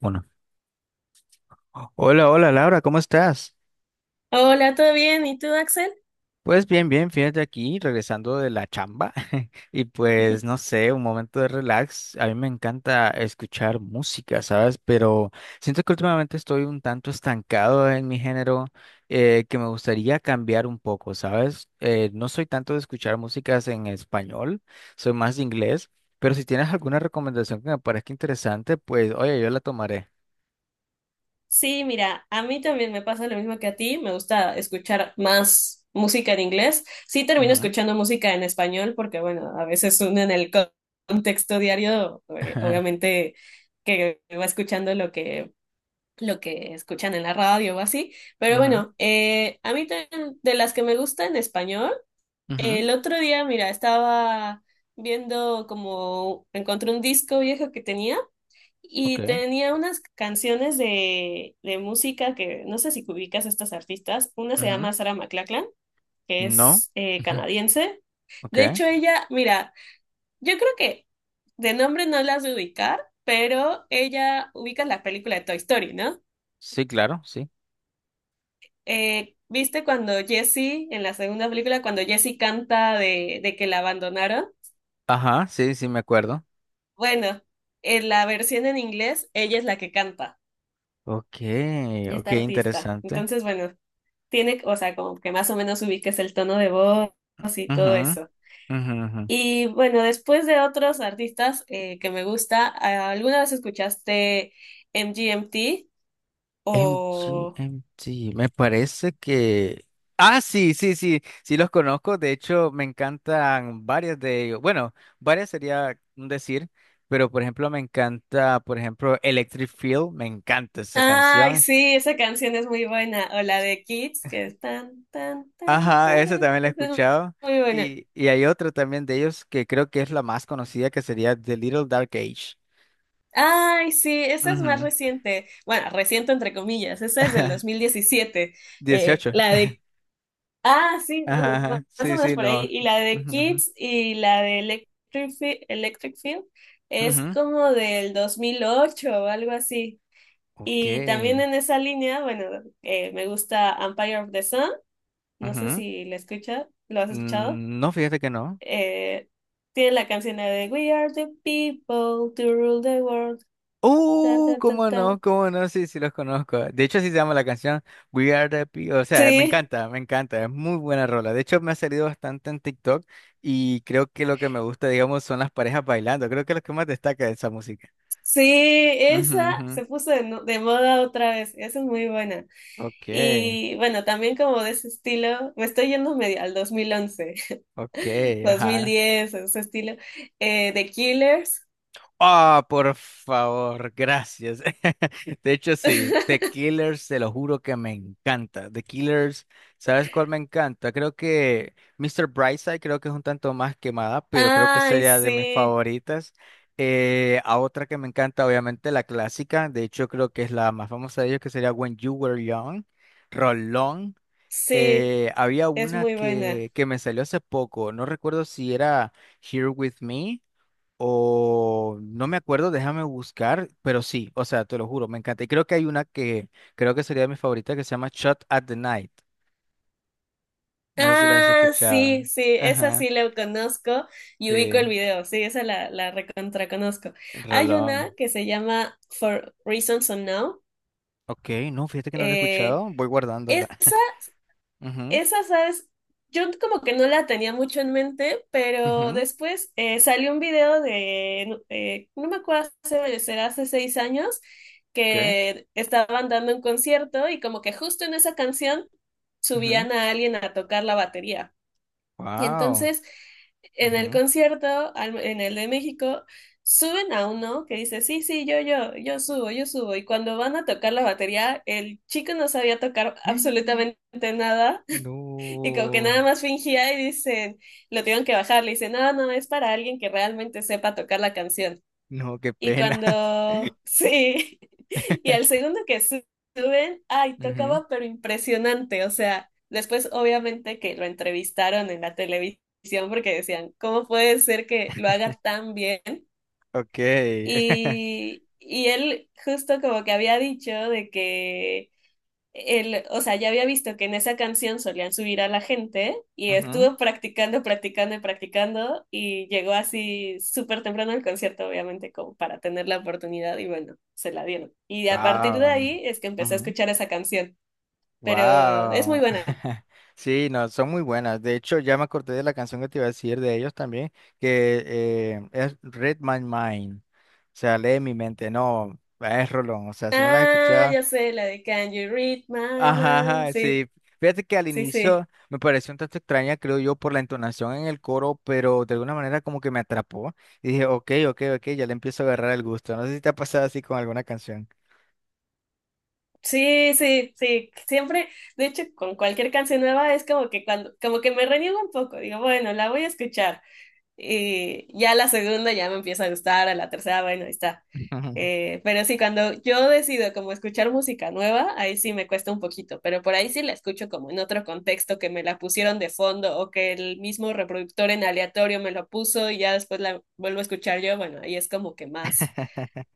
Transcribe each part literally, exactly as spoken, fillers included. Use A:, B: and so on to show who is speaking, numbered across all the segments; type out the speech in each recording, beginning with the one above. A: Bueno. Hola, hola Laura, ¿cómo estás?
B: Hola, ¿todo bien? ¿Y tú, Axel?
A: Pues bien, bien, fíjate aquí, regresando de la chamba y pues no sé, un momento de relax. A mí me encanta escuchar música, ¿sabes? Pero siento que últimamente estoy un tanto estancado en mi género, eh, que me gustaría cambiar un poco, ¿sabes? Eh, no soy tanto de escuchar músicas en español, soy más de inglés, pero si tienes alguna recomendación que me parezca interesante, pues oye, yo la tomaré.
B: Sí, mira, a mí también me pasa lo mismo que a ti. Me gusta escuchar más música en inglés. Sí, termino
A: Ujú.
B: escuchando música en español porque, bueno, a veces uno en el co- contexto diario, eh,
A: Ujú,
B: obviamente, que va escuchando lo que, lo que escuchan en la radio o así. Pero
A: ujú,
B: bueno, eh, a mí también de las que me gusta en español,
A: ujú,
B: el otro día, mira, estaba viendo como encontré un disco viejo que tenía. Y
A: ok.
B: tenía unas canciones de, de música que no sé si ubicas a estas artistas. Una se
A: Ujú.
B: llama Sarah McLachlan, que
A: No.
B: es eh,
A: Ujú.
B: canadiense.
A: Ok.
B: De hecho, ella, mira, yo creo que de nombre no las de ubicar, pero ella ubica la película de Toy Story, ¿no?
A: Sí, claro, sí.
B: Eh, ¿viste cuando Jessie, en la segunda película, cuando Jessie canta de, de que la abandonaron?
A: Ajá, sí, sí, me acuerdo.
B: Bueno, en la versión en inglés, ella es la que canta,
A: Ok, ok,
B: esta artista.
A: interesante.
B: Entonces, bueno, tiene, o sea, como que más o menos ubiques el tono de voz y todo
A: Ujú,
B: eso.
A: ujú, ujú.
B: Y bueno, después de otros artistas eh, que me gusta, ah, ¿alguna vez escuchaste M G M T?
A: MG,
B: O...
A: MG, me parece que... Ah, sí, sí, sí, sí los conozco. De hecho, me encantan varias de ellos. Bueno, varias sería un decir, pero por ejemplo, me encanta, por ejemplo, Electric Feel, me encanta esa
B: Ay,
A: canción.
B: sí, esa canción es muy buena. O la de Kids, que es tan, tan, tan,
A: Ajá, esa
B: taran.
A: también la he
B: Esa es
A: escuchado.
B: muy buena.
A: Y, y hay otra también de ellos que creo que es la más conocida, que sería The Little Dark Age.
B: Ay, sí, esa es más
A: Ujú.
B: reciente. Bueno, reciente entre comillas, esa es del dos mil diecisiete. Eh,
A: dieciocho.
B: la de Ah, sí,
A: Ajá,
B: bueno, ma-
A: ajá.
B: más o
A: Sí,
B: menos
A: sí,
B: por ahí.
A: no.
B: Y la de
A: Ujú, ujú.
B: Kids y la de Electric, Fi- Electric Field es
A: Ujú.
B: como del dos mil ocho o algo así.
A: Ok.
B: Y también en esa línea, bueno, eh, me gusta Empire of the Sun. No sé
A: Ujú.
B: si la escucha, lo has escuchado.
A: Mm, no, fíjate que no.
B: Eh, tiene la canción de We are the people to rule the world. Ta,
A: Uh,
B: ta, ta,
A: cómo
B: ta.
A: no, cómo no, sí, sí los conozco. De hecho, así se llama la canción We Are the People. O sea, me
B: Sí,
A: encanta, me encanta, es muy buena rola. De hecho, me ha salido bastante en TikTok y creo que lo que me gusta, digamos, son las parejas bailando. Creo que es lo que más destaca de esa música.
B: sí,
A: Ujú,
B: esa
A: ujú.
B: se puso de, no- de moda otra vez. Esa es muy buena.
A: Ok,
B: Y bueno, también como de ese estilo, me estoy yendo medio al dos mil once,
A: ok, ajá.
B: dos mil diez, ese estilo, eh, The Killers.
A: Ah, por favor, gracias. De hecho, sí, The Killers, te lo juro que me encanta. The Killers, ¿sabes cuál me encanta? Creo que Mister Brightside creo que es un tanto más quemada, pero creo que
B: Ay,
A: sería de mis
B: sí,
A: favoritas. Eh, a otra que me encanta, obviamente, la clásica. De hecho, creo que es la más famosa de ellos, que sería When You Were Young. Rolón.
B: sí,
A: Eh, había
B: es
A: una
B: muy buena.
A: que, que me salió hace poco, no recuerdo si era Here With Me. O no me acuerdo, déjame buscar, pero sí, o sea, te lo juro, me encanta. Y creo que hay una que creo que sería mi favorita que se llama Shot at the Night. No sé si la has
B: Ah,
A: escuchado.
B: sí, sí, esa
A: Ajá,
B: sí la conozco y
A: sí,
B: ubico el video, sí, esa la, la recontra conozco. Hay una
A: rolón.
B: que se llama For Reasons Unknown.
A: Ok, no, fíjate que no la he
B: eh,
A: escuchado, voy guardándola.
B: esa Esa, ¿sabes? Yo como que no la tenía mucho en mente,
A: Ujú,
B: pero
A: ujú.
B: después eh, salió un video de, eh, no me acuerdo, hace, será hace seis años,
A: ¿Qué?
B: que estaban dando un concierto y como que justo en esa canción
A: Ujú,
B: subían a alguien a tocar la batería. Y
A: wow.
B: entonces en el
A: Ujú.
B: concierto, al- en el de México, suben a uno que dice, sí, sí, yo, yo, yo subo, yo subo. Y cuando van a tocar la batería, el chico no sabía tocar absolutamente nada y como que
A: No,
B: nada más fingía y dicen, lo tuvieron que bajar, le dicen, no, no, es para alguien que realmente sepa tocar la canción.
A: no, qué
B: Y
A: pena.
B: cuando, sí, y al segundo que su- suben, ay,
A: Ujú,
B: tocaba, pero impresionante. O sea, después obviamente que lo entrevistaron en la televisión porque decían, ¿cómo puede ser que lo haga tan bien?
A: ok.
B: Y, y él justo como que había dicho de que el, o sea, ya había visto que en esa canción solían subir a la gente y
A: Ujú,
B: estuve practicando, practicando y practicando y llegó así súper temprano al concierto, obviamente, como para tener la oportunidad y bueno, se la dieron. Y a partir de
A: wow.
B: ahí es que empecé a escuchar esa canción, pero es muy
A: Wow.
B: buena.
A: Sí, no, son muy buenas. De hecho, ya me acordé de la canción que te iba a decir de ellos también, que eh, es Read My Mind. O sea, lee mi mente. No, es rolón. O sea, si no la has
B: Ah,
A: escuchado.
B: ya sé, la de Can You Read My
A: Ajá,
B: Mind?
A: ajá,
B: Sí,
A: sí. Fíjate que al
B: sí, sí.
A: inicio me pareció un tanto extraña, creo yo, por la entonación en el coro, pero de alguna manera como que me atrapó. Y dije, ok, ok, ok, ya le empiezo a agarrar el gusto. No sé si te ha pasado así con alguna canción.
B: Sí, sí, sí. Siempre, de hecho, con cualquier canción nueva es como que cuando, como que me reniego un poco. Digo, bueno, la voy a escuchar. Y ya la segunda ya me empieza a gustar, a la tercera, bueno, ahí está. Eh, pero sí, cuando yo decido como escuchar música nueva, ahí sí me cuesta un poquito, pero por ahí sí la escucho como en otro contexto, que me la pusieron de fondo o que el mismo reproductor en aleatorio me lo puso y ya después la vuelvo a escuchar yo, bueno, ahí es como que más,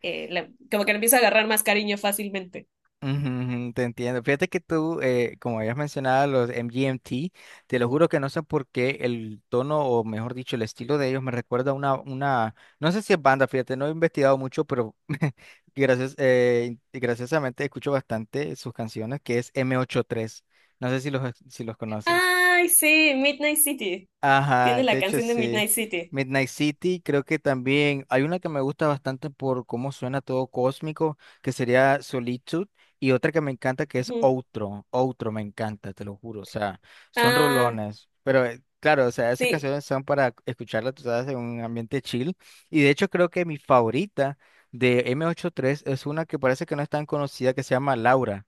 B: eh, le- como que le empiezo a agarrar más cariño fácilmente.
A: Ujú, ujú, te entiendo. Fíjate que tú, eh, como habías mencionado, los M G M T, te lo juro que no sé por qué el tono, o mejor dicho, el estilo de ellos me recuerda a una, una, no sé si es banda, fíjate, no he investigado mucho, pero gracias, eh, graciosamente escucho bastante sus canciones, que es M ochenta y tres. No sé si los, si los conoces.
B: Ay, sí, Midnight City.
A: Ajá,
B: Tiene la
A: de hecho
B: canción de
A: sí.
B: Midnight City.
A: Midnight City creo que también hay una que me gusta bastante por cómo suena todo cósmico, que sería Solitude, y otra que me encanta que es
B: Ujú.
A: Outro. Outro me encanta, te lo juro. O sea, son
B: Ah,
A: rolones. Pero eh, claro, o sea, esas
B: sí,
A: canciones son para escucharlas, tú sabes, en un ambiente chill. Y de hecho creo que mi favorita de m ochenta y tres es una que parece que no es tan conocida, que se llama Laura.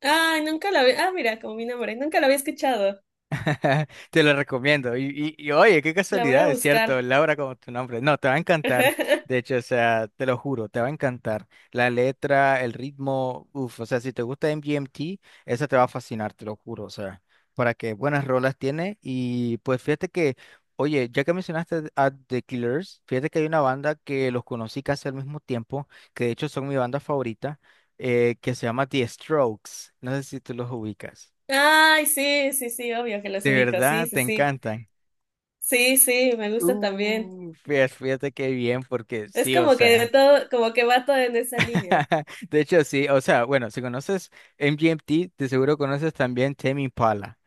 B: ay, nunca la había. Ah, mira, como mi nombre. Nunca la había escuchado.
A: Te lo recomiendo. Y, y, y, oye, qué
B: La voy a
A: casualidad, es cierto,
B: buscar.
A: Laura como tu nombre. No, te va a encantar. De hecho, o sea, te lo juro, te va a encantar. La letra, el ritmo, uff, o sea, si te gusta M G M T, esa te va a fascinar, te lo juro. O sea, para que buenas rolas tiene. Y pues fíjate que, oye, ya que mencionaste a The Killers, fíjate que hay una banda que los conocí casi al mismo tiempo, que de hecho son mi banda favorita, eh, que se llama The Strokes. No sé si tú los ubicas.
B: Ay, sí, sí, sí, obvio que los
A: De
B: ubico. Sí,
A: verdad,
B: sí,
A: te
B: sí.
A: encantan.
B: Sí, sí, me gusta también.
A: Uh, fíjate, fíjate qué bien, porque
B: Es
A: sí, o
B: como que de
A: sea,
B: todo, como que va todo en esa línea.
A: de hecho sí, o sea, bueno, si conoces M G M T, de seguro conoces también Tame Impala.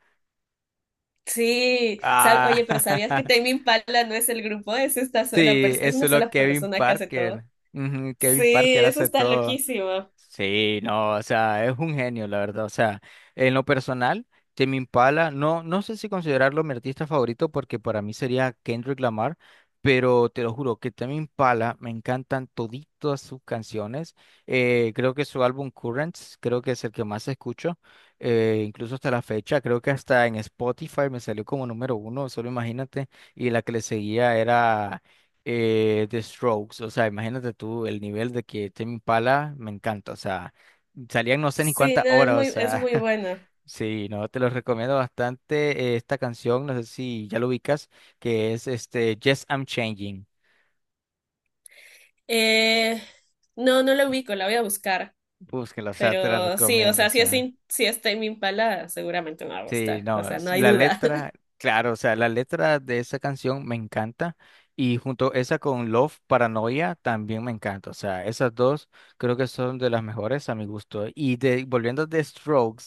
B: Sí. Sab-
A: Ah,
B: Oye, pero ¿sabías que Tame Impala no es el grupo? Es esta sola
A: sí,
B: pers- es
A: es
B: una
A: solo
B: sola
A: Kevin
B: persona que hace
A: Parker.
B: todo.
A: Ujú, Kevin
B: Sí,
A: Parker
B: eso
A: hace
B: está
A: todo.
B: loquísimo.
A: Sí, no, o sea, es un genio, la verdad. O sea, en lo personal, Tame Impala, no, no sé si considerarlo mi artista favorito porque para mí sería Kendrick Lamar, pero te lo juro que Tame Impala me encantan toditas sus canciones. Eh, creo que su álbum Currents, creo que es el que más escucho, eh, incluso hasta la fecha. Creo que hasta en Spotify me salió como número uno, solo imagínate. Y la que le seguía era eh, The Strokes, o sea, imagínate tú el nivel de que Tame Impala me encanta, o sea, salían no sé ni
B: Sí,
A: cuántas
B: no, es
A: horas, o
B: muy, es
A: sea,
B: muy bueno.
A: sí, no, te lo recomiendo bastante eh, esta canción, no sé si ya lo ubicas, que es este Yes, I'm Changing,
B: Eh, no, no la ubico, la voy a buscar.
A: búsquela, o sea, te la
B: Pero sí, o
A: recomiendo, o
B: sea, si es,
A: sea.
B: in- si es Tame Impala, seguramente me va a
A: Sí,
B: gustar. O
A: no,
B: sea, no
A: es-
B: hay
A: la
B: duda.
A: letra, claro, o sea, la letra de esa canción me encanta y junto esa con Love Paranoia también me encanta, o sea, esas dos creo que son de las mejores a mi gusto. Y de, volviendo de Strokes,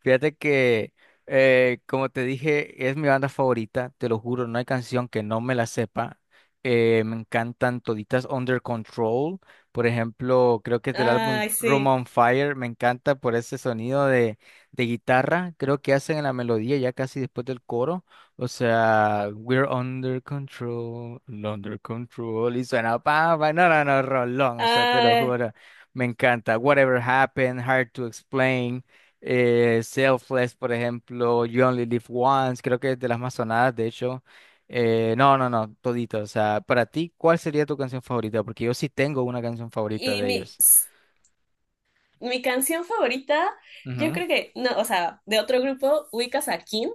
A: fíjate que, eh, como te dije, es mi banda favorita, te lo juro, no hay canción que no me la sepa. Eh, me encantan toditas Under Control, por ejemplo, creo que es del álbum
B: Ay,
A: Room
B: sí.
A: on Fire, me encanta por ese sonido de, de guitarra, creo que hacen en la melodía ya casi después del coro, o sea, We're Under Control, Under Control, y suena, pa, pa, no, no, no, rolón, o sea, te lo
B: Ay,
A: juro, me encanta. Whatever Happened, Hard to Explain eh, Selfless, por ejemplo, You Only Live Once, creo que es de las más sonadas, de hecho. Eh, no, no, no, todito. O sea, para ti, ¿cuál sería tu canción favorita? Porque yo sí tengo una canción favorita
B: y
A: de
B: mi,
A: ellos.
B: s- mi canción favorita, yo
A: Ujú.
B: creo que, no, o sea, de otro grupo, ubicas a Kin,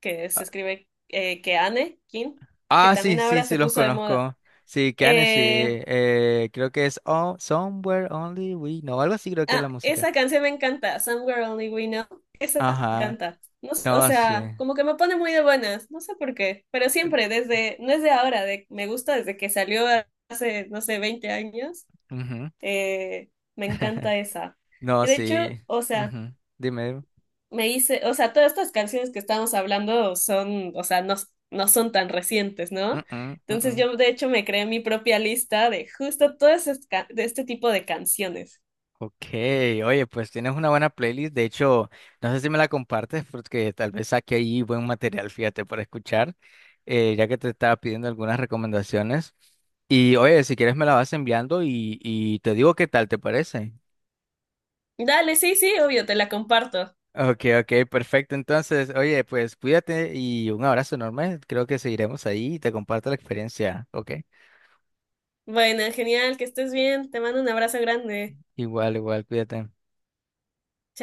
B: que se
A: Ah,
B: escribe eh, Keane, Kin, que
A: ah, sí,
B: también
A: sí,
B: ahora
A: sí,
B: se
A: los
B: puso de moda.
A: conozco. Sí, Kane, sí.
B: Eh,
A: eh, creo que es oh, Somewhere Only We Know, algo así creo que es
B: Ah,
A: la música.
B: esa canción me encanta, Somewhere Only We Know. Esa me
A: Ajá,
B: encanta. No, sé, o
A: no, sí.
B: sea,
A: Eh,
B: como que me pone muy de buenas, no sé por qué, pero siempre, desde, no es de ahora, de, me gusta desde que salió hace, no sé, veinte años,
A: ujú.
B: eh, me encanta esa.
A: No,
B: Y de hecho,
A: sí.
B: o sea,
A: Ujú. Dime. Dime.
B: me hice, o sea, todas estas canciones que estamos hablando son, o sea, no, no son tan recientes,
A: Mm,
B: ¿no?
A: mm, mm,
B: Entonces
A: mm.
B: yo, de hecho, me creé mi propia lista de justo todo ese ca- de este tipo de canciones.
A: Ok, oye, pues tienes una buena playlist. De hecho, no sé si me la compartes porque tal vez saque ahí buen material, fíjate, para escuchar, eh, ya que te estaba pidiendo algunas recomendaciones. Y oye, si quieres me la vas enviando y, y te digo qué tal te parece.
B: Dale, sí, sí, obvio, te la comparto.
A: Ok, ok, perfecto. Entonces, oye, pues cuídate y un abrazo enorme. Creo que seguiremos ahí y te comparto la experiencia. Ok,
B: Bueno, genial, que estés bien. Te mando un abrazo grande.
A: igual, igual, cuídate.